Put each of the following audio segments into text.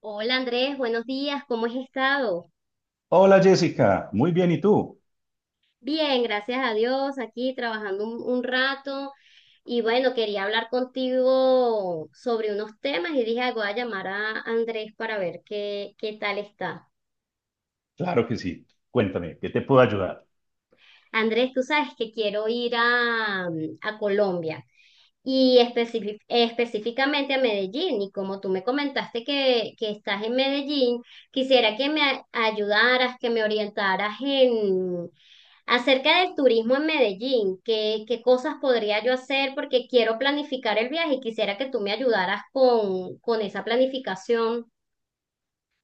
Hola Andrés, buenos días, ¿cómo has estado? Hola Jessica, muy bien, ¿y tú? Bien, gracias a Dios, aquí trabajando un rato y bueno, quería hablar contigo sobre unos temas y dije, "Ay, voy a llamar a Andrés para ver qué tal está." Claro que sí. Cuéntame, ¿qué te puedo ayudar? Andrés, tú sabes que quiero ir a Colombia. Y específicamente a Medellín, y como tú me comentaste que estás en Medellín, quisiera que me ayudaras, que me orientaras en acerca del turismo en Medellín, qué cosas podría yo hacer porque quiero planificar el viaje y quisiera que tú me ayudaras con esa planificación.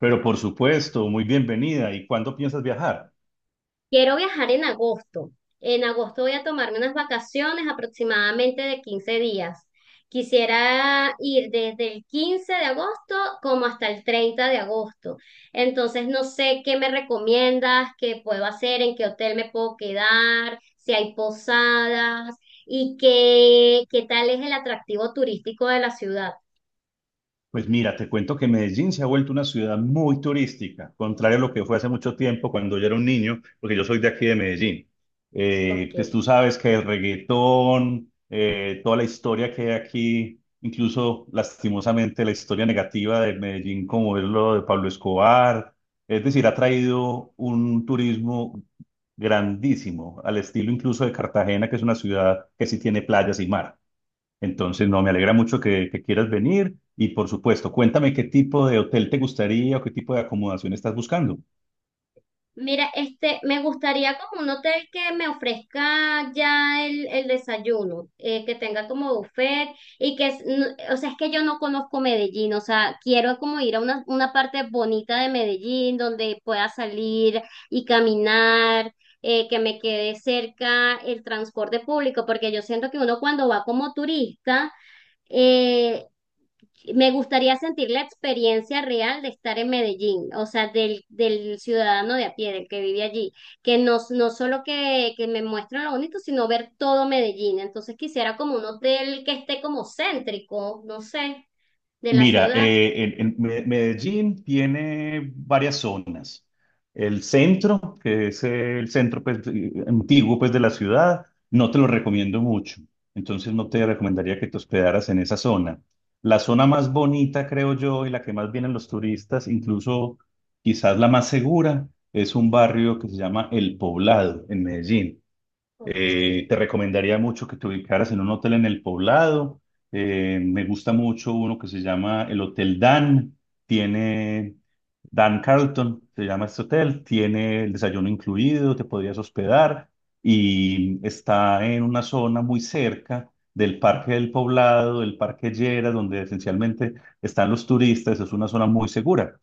Pero por supuesto, muy bienvenida. ¿Y cuándo piensas viajar? Quiero viajar en agosto. En agosto voy a tomarme unas vacaciones aproximadamente de 15 días. Quisiera ir desde el 15 de agosto como hasta el 30 de agosto. Entonces no sé qué me recomiendas, qué puedo hacer, en qué hotel me puedo quedar, si hay posadas y qué tal es el atractivo turístico de la ciudad. Pues mira, te cuento que Medellín se ha vuelto una ciudad muy turística, contrario a lo que fue hace mucho tiempo cuando yo era un niño, porque yo soy de aquí de Medellín. Ok. Pues tú sabes que el reggaetón, toda la historia que hay aquí, incluso lastimosamente la historia negativa de Medellín, como es lo de Pablo Escobar, es decir, ha traído un turismo grandísimo, al estilo incluso de Cartagena, que es una ciudad que sí tiene playas y mar. Entonces, no, me alegra mucho que quieras venir y por supuesto, cuéntame qué tipo de hotel te gustaría o qué tipo de acomodación estás buscando. Mira, este, me gustaría como un hotel que me ofrezca ya el desayuno, que tenga como buffet y o sea, es que yo no conozco Medellín, o sea, quiero como ir a una parte bonita de Medellín donde pueda salir y caminar, que me quede cerca el transporte público, porque yo siento que uno cuando va como turista, eh, me gustaría sentir la experiencia real de estar en Medellín, o sea, del ciudadano de a pie, del que vive allí, que no solo que me muestren lo bonito, sino ver todo Medellín. Entonces quisiera como un hotel que esté como céntrico, no sé, de la Mira, ciudad. Medellín tiene varias zonas. El centro, que es el centro pues, antiguo pues, de la ciudad, no te lo recomiendo mucho. Entonces no te recomendaría que te hospedaras en esa zona. La zona más bonita, creo yo, y la que más vienen los turistas, incluso quizás la más segura, es un barrio que se llama El Poblado en Medellín. Ok. Te recomendaría mucho que te ubicaras en un hotel en el Poblado. Me gusta mucho uno que se llama el Hotel Dan. Tiene Dan Carlton, se llama este hotel. Tiene el desayuno incluido, te podrías hospedar y está en una zona muy cerca del Parque del Poblado, del Parque Llera, donde esencialmente están los turistas. Es una zona muy segura.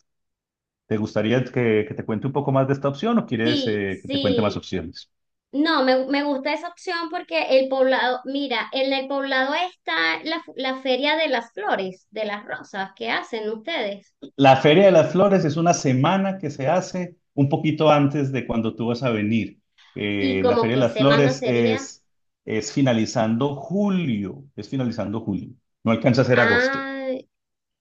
¿Te gustaría que te cuente un poco más de esta opción o quieres Sí, que te cuente más sí. opciones? No, me gusta esa opción porque el Poblado, mira, en el Poblado está la Feria de las Flores, de las rosas que hacen ustedes. La Feria de las Flores es una semana que se hace un poquito antes de cuando tú vas a venir. ¿Y La como Feria de qué las semana Flores sería? Es finalizando julio, es finalizando julio, no alcanza a ser agosto. Ay,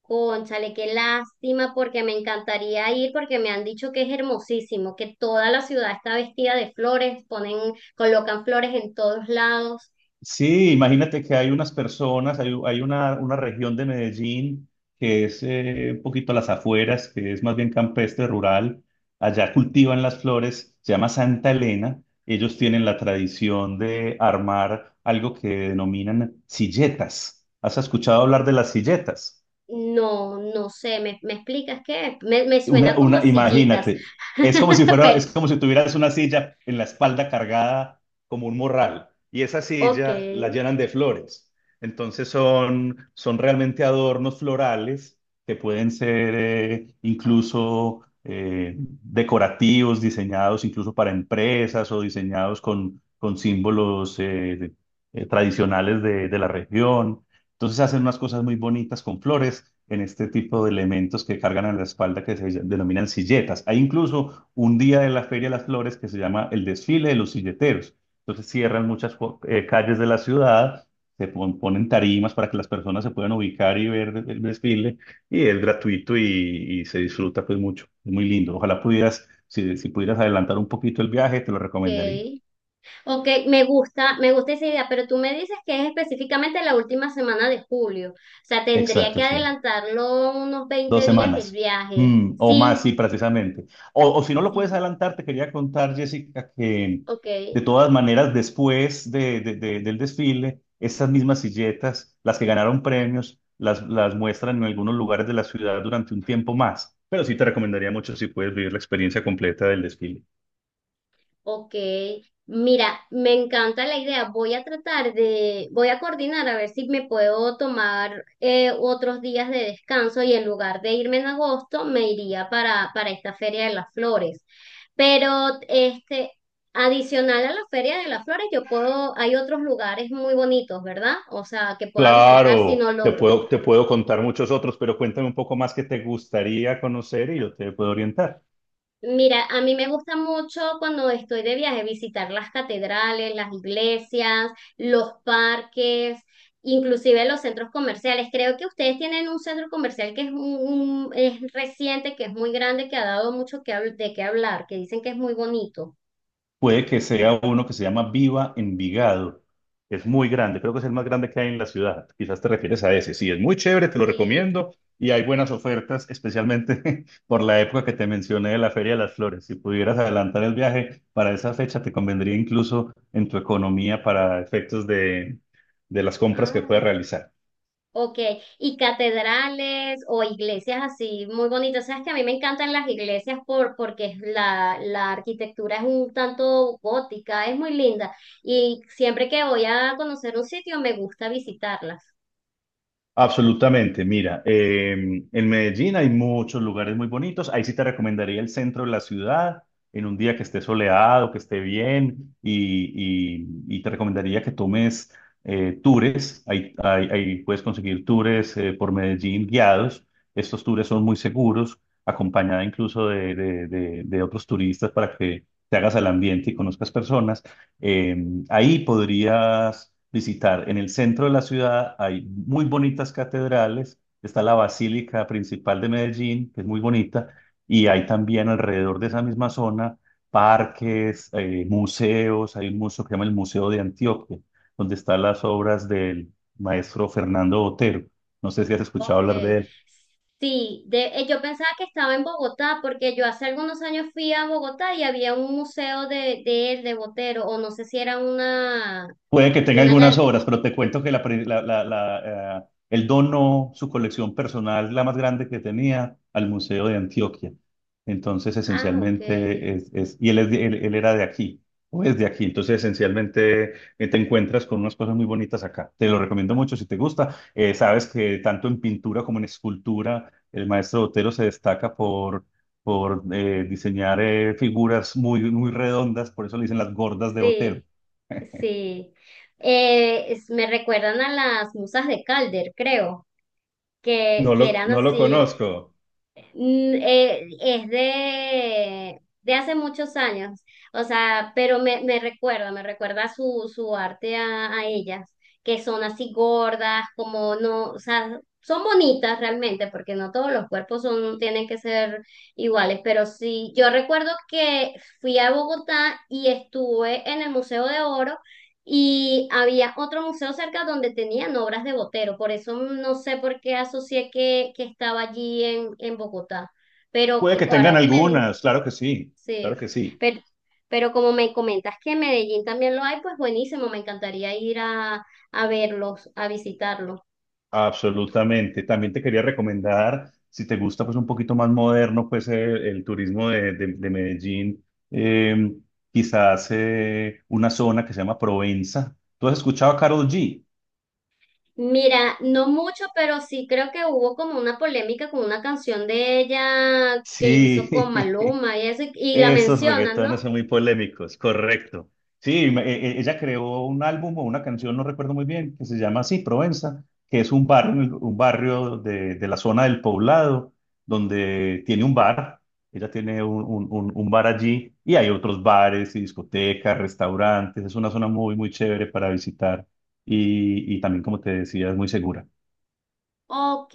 cónchale, qué lástima, porque me encantaría ir, porque me han dicho que es hermosísimo, que toda la ciudad está vestida de flores, ponen, colocan flores en todos lados. Sí, imagínate que hay unas personas, hay una región de Medellín que es un poquito a las afueras, que es más bien campestre, rural. Allá cultivan las flores, se llama Santa Elena. Ellos tienen la tradición de armar algo que denominan silletas. ¿Has escuchado hablar de las silletas? No, no sé, ¿me explicas qué? Me suena como a sillitas, Imagínate, pero es como si tuvieras una silla en la espalda cargada como un morral y esa ok, silla la llenan de flores. Entonces son realmente adornos florales que pueden ser incluso decorativos, diseñados incluso para empresas o diseñados con símbolos tradicionales de la región. Entonces hacen unas cosas muy bonitas con flores en este tipo de elementos que cargan en la espalda que se denominan silletas. Hay incluso un día de la Feria de las Flores que se llama el desfile de los silleteros. Entonces cierran muchas calles de la ciudad, ponen tarimas para que las personas se puedan ubicar y ver el desfile y es gratuito y se disfruta pues mucho. Es muy lindo. Ojalá pudieras, si, si pudieras adelantar un poquito el viaje, te lo recomendaría. ok, ok, me gusta esa idea, pero tú me dices que es específicamente la última semana de julio, o sea, tendría Exacto, que sí. adelantarlo unos Dos 20 días el semanas. viaje. Mm, o más, sí, Sí. precisamente. O si no lo puedes Sí. adelantar, te quería contar, Jessica, que Ok, de todas maneras, después del desfile, estas mismas silletas, las que ganaron premios, las muestran en algunos lugares de la ciudad durante un tiempo más. Pero sí te recomendaría mucho si puedes vivir la experiencia completa del desfile. ok. Mira, me encanta la idea. Voy a coordinar a ver si me puedo tomar otros días de descanso y en lugar de irme en agosto, me iría para esta Feria de las Flores. Pero este, adicional a la Feria de las Flores, hay otros lugares muy bonitos, ¿verdad? O sea, que pueda visitar si Claro, no logro. Te puedo contar muchos otros, pero cuéntame un poco más que te gustaría conocer y yo te puedo orientar. Mira, a mí me gusta mucho cuando estoy de viaje visitar las catedrales, las iglesias, los parques, inclusive los centros comerciales. Creo que ustedes tienen un centro comercial que es reciente, que es muy grande, que ha dado mucho de qué hablar, que dicen que es muy bonito. Puede que sea uno que se llama Viva Envigado. Es muy grande, creo que es el más grande que hay en la ciudad. Quizás te refieres a ese. Sí, es muy chévere, te lo Sí. recomiendo. Y hay buenas ofertas, especialmente por la época que te mencioné de la Feria de las Flores. Si pudieras adelantar el viaje para esa fecha, te convendría incluso en tu economía para efectos de las compras que puedas Ah. realizar. Ok, y catedrales o iglesias así muy bonitas. Sabes que a mí me encantan las iglesias porque la arquitectura es un tanto gótica, es muy linda. Y siempre que voy a conocer un sitio me gusta visitarlas. Absolutamente, mira, en Medellín hay muchos lugares muy bonitos, ahí sí te recomendaría el centro de la ciudad, en un día que esté soleado, que esté bien, y te recomendaría que tomes tours, ahí puedes conseguir tours por Medellín guiados, estos tours son muy seguros, acompañada incluso de otros turistas para que te hagas al ambiente y conozcas personas. Eh, Ahí podrías visitar, en el centro de la ciudad hay muy bonitas catedrales, está la Basílica Principal de Medellín, que es muy bonita, y hay también alrededor de esa misma zona parques, museos, hay un museo que se llama el Museo de Antioquia, donde están las obras del maestro Fernando Botero. No sé si has escuchado Ok, hablar de él. sí, yo pensaba que estaba en Bogotá porque yo hace algunos años fui a Bogotá y había un museo de él, de Botero, o no sé si era Puede que tenga una algunas gal- obras, pero te cuento que la pri- la- la- la, él donó su colección personal, la más grande que tenía, al Museo de Antioquia. Entonces, Ah, ok, esencialmente, él era de aquí, o es de aquí. Entonces, esencialmente, te encuentras con unas cosas muy bonitas acá. Te lo recomiendo mucho si te gusta. Sabes que tanto en pintura como en escultura, el maestro Botero se destaca por diseñar figuras muy, muy redondas, por eso le dicen las gordas de sí. Botero. Sí, me recuerdan a las musas de Calder, creo, que, que eran No lo así. conozco. Es de hace muchos años, o sea, pero me recuerda, me recuerda su arte a ellas, que son así gordas, como no, o sea, son bonitas realmente, porque no todos los cuerpos tienen que ser iguales, pero sí, yo recuerdo que fui a Bogotá y estuve en el Museo de Oro y había otro museo cerca donde tenían obras de Botero, por eso no sé por qué asocié que estaba allí en Bogotá. Pero Puede que- que tengan ahora que me di- algunas, claro sí, que sí, pero, pero como me comentas que en Medellín también lo hay, pues buenísimo, me encantaría ir a verlos, a visitarlos. absolutamente. También te quería recomendar, si te gusta pues un poquito más moderno, pues el turismo de Medellín, eh, quizás una zona que se llama Provenza. ¿Tú has escuchado a Karol G? Mira, no mucho, pero sí creo que hubo como una polémica con una canción de ella que hizo Sí, con Maluma y eso, y la esos mencionan, ¿no? reggaetones son muy polémicos, correcto. Sí, ella creó un álbum o una canción, no recuerdo muy bien, que se llama así, Provenza, que es un barrio, un barrio de la zona del Poblado, donde tiene un bar, ella tiene un bar allí, y hay otros bares y discotecas, restaurantes, es una zona muy, muy chévere para visitar y también, como te decía, es muy segura. Ok,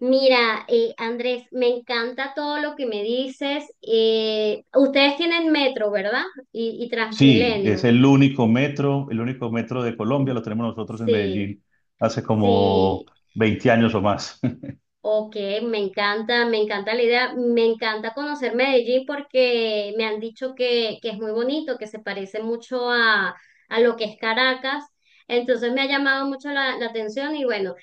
mira, Andrés, me encanta todo lo que me dices. Ustedes tienen metro, ¿verdad? Y Sí, es Transmilenio. El único metro de Colombia, lo tenemos nosotros en Sí, Medellín hace como sí, 20 años o más. ok, me encanta la idea, me encanta conocer Medellín porque me han dicho que es muy bonito, que se parece mucho a lo que es Caracas, entonces me ha llamado mucho la atención y bueno,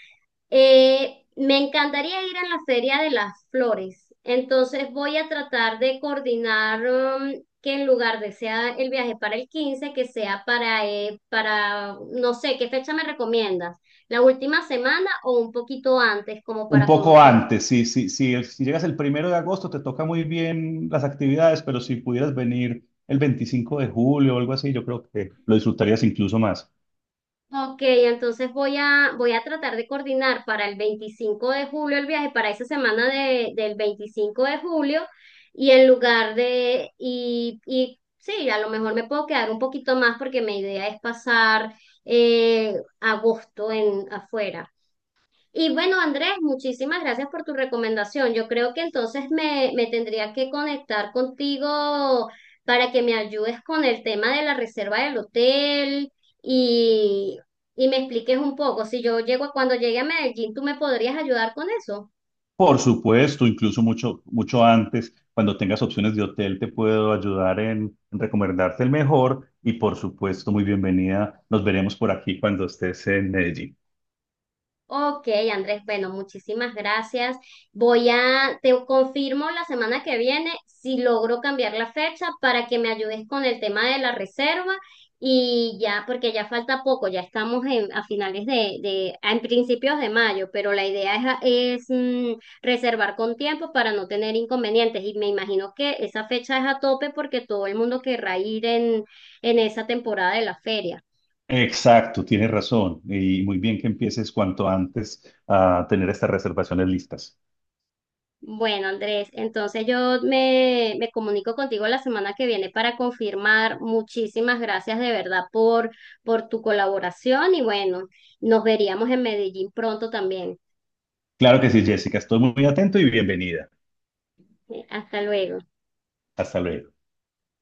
Me encantaría ir a la Feria de las Flores, entonces voy a tratar de coordinar que en lugar de sea el viaje para el 15 que sea para, no sé, ¿qué fecha me recomiendas? ¿La última semana o un poquito antes como Un para poco conocer? antes, sí, sí, sí, si llegas el 1 de agosto te toca muy bien las actividades, pero si pudieras venir el 25 de julio o algo así, yo creo que lo disfrutarías incluso más. Ok, entonces voy a tratar de coordinar para el 25 de julio el viaje, para esa semana del 25 de julio, y y sí, a lo mejor me puedo quedar un poquito más porque mi idea es pasar eh, agosto en afuera. Y bueno, Andrés, muchísimas gracias por tu recomendación. Yo creo que entonces me tendría que conectar contigo para que me ayudes con el tema de la reserva del hotel y, y me expliques un poco. Si yo llego, cuando llegue a Medellín, ¿tú me podrías ayudar con eso? Por supuesto, incluso mucho, mucho antes, cuando tengas opciones de hotel, te puedo ayudar en recomendarte el mejor y por supuesto, muy bienvenida. Nos veremos por aquí cuando estés en Medellín. Ok, Andrés, bueno, muchísimas gracias. Te confirmo la semana que viene si logro cambiar la fecha para que me ayudes con el tema de la reserva y ya, porque ya falta poco, ya estamos a finales en principios de mayo, pero la idea es, es, mm, reservar con tiempo para no tener inconvenientes y me imagino que esa fecha es a tope porque todo el mundo querrá ir en esa temporada de la feria. Exacto, tienes razón. Y muy bien que empieces cuanto antes a tener estas reservaciones listas. Bueno, Andrés, entonces yo me comunico contigo la semana que viene para confirmar. Muchísimas gracias de verdad por tu colaboración y bueno, nos veríamos en Medellín pronto también. Claro que sí, Jessica. Estoy muy atento y bienvenida. Hasta luego. Hasta luego.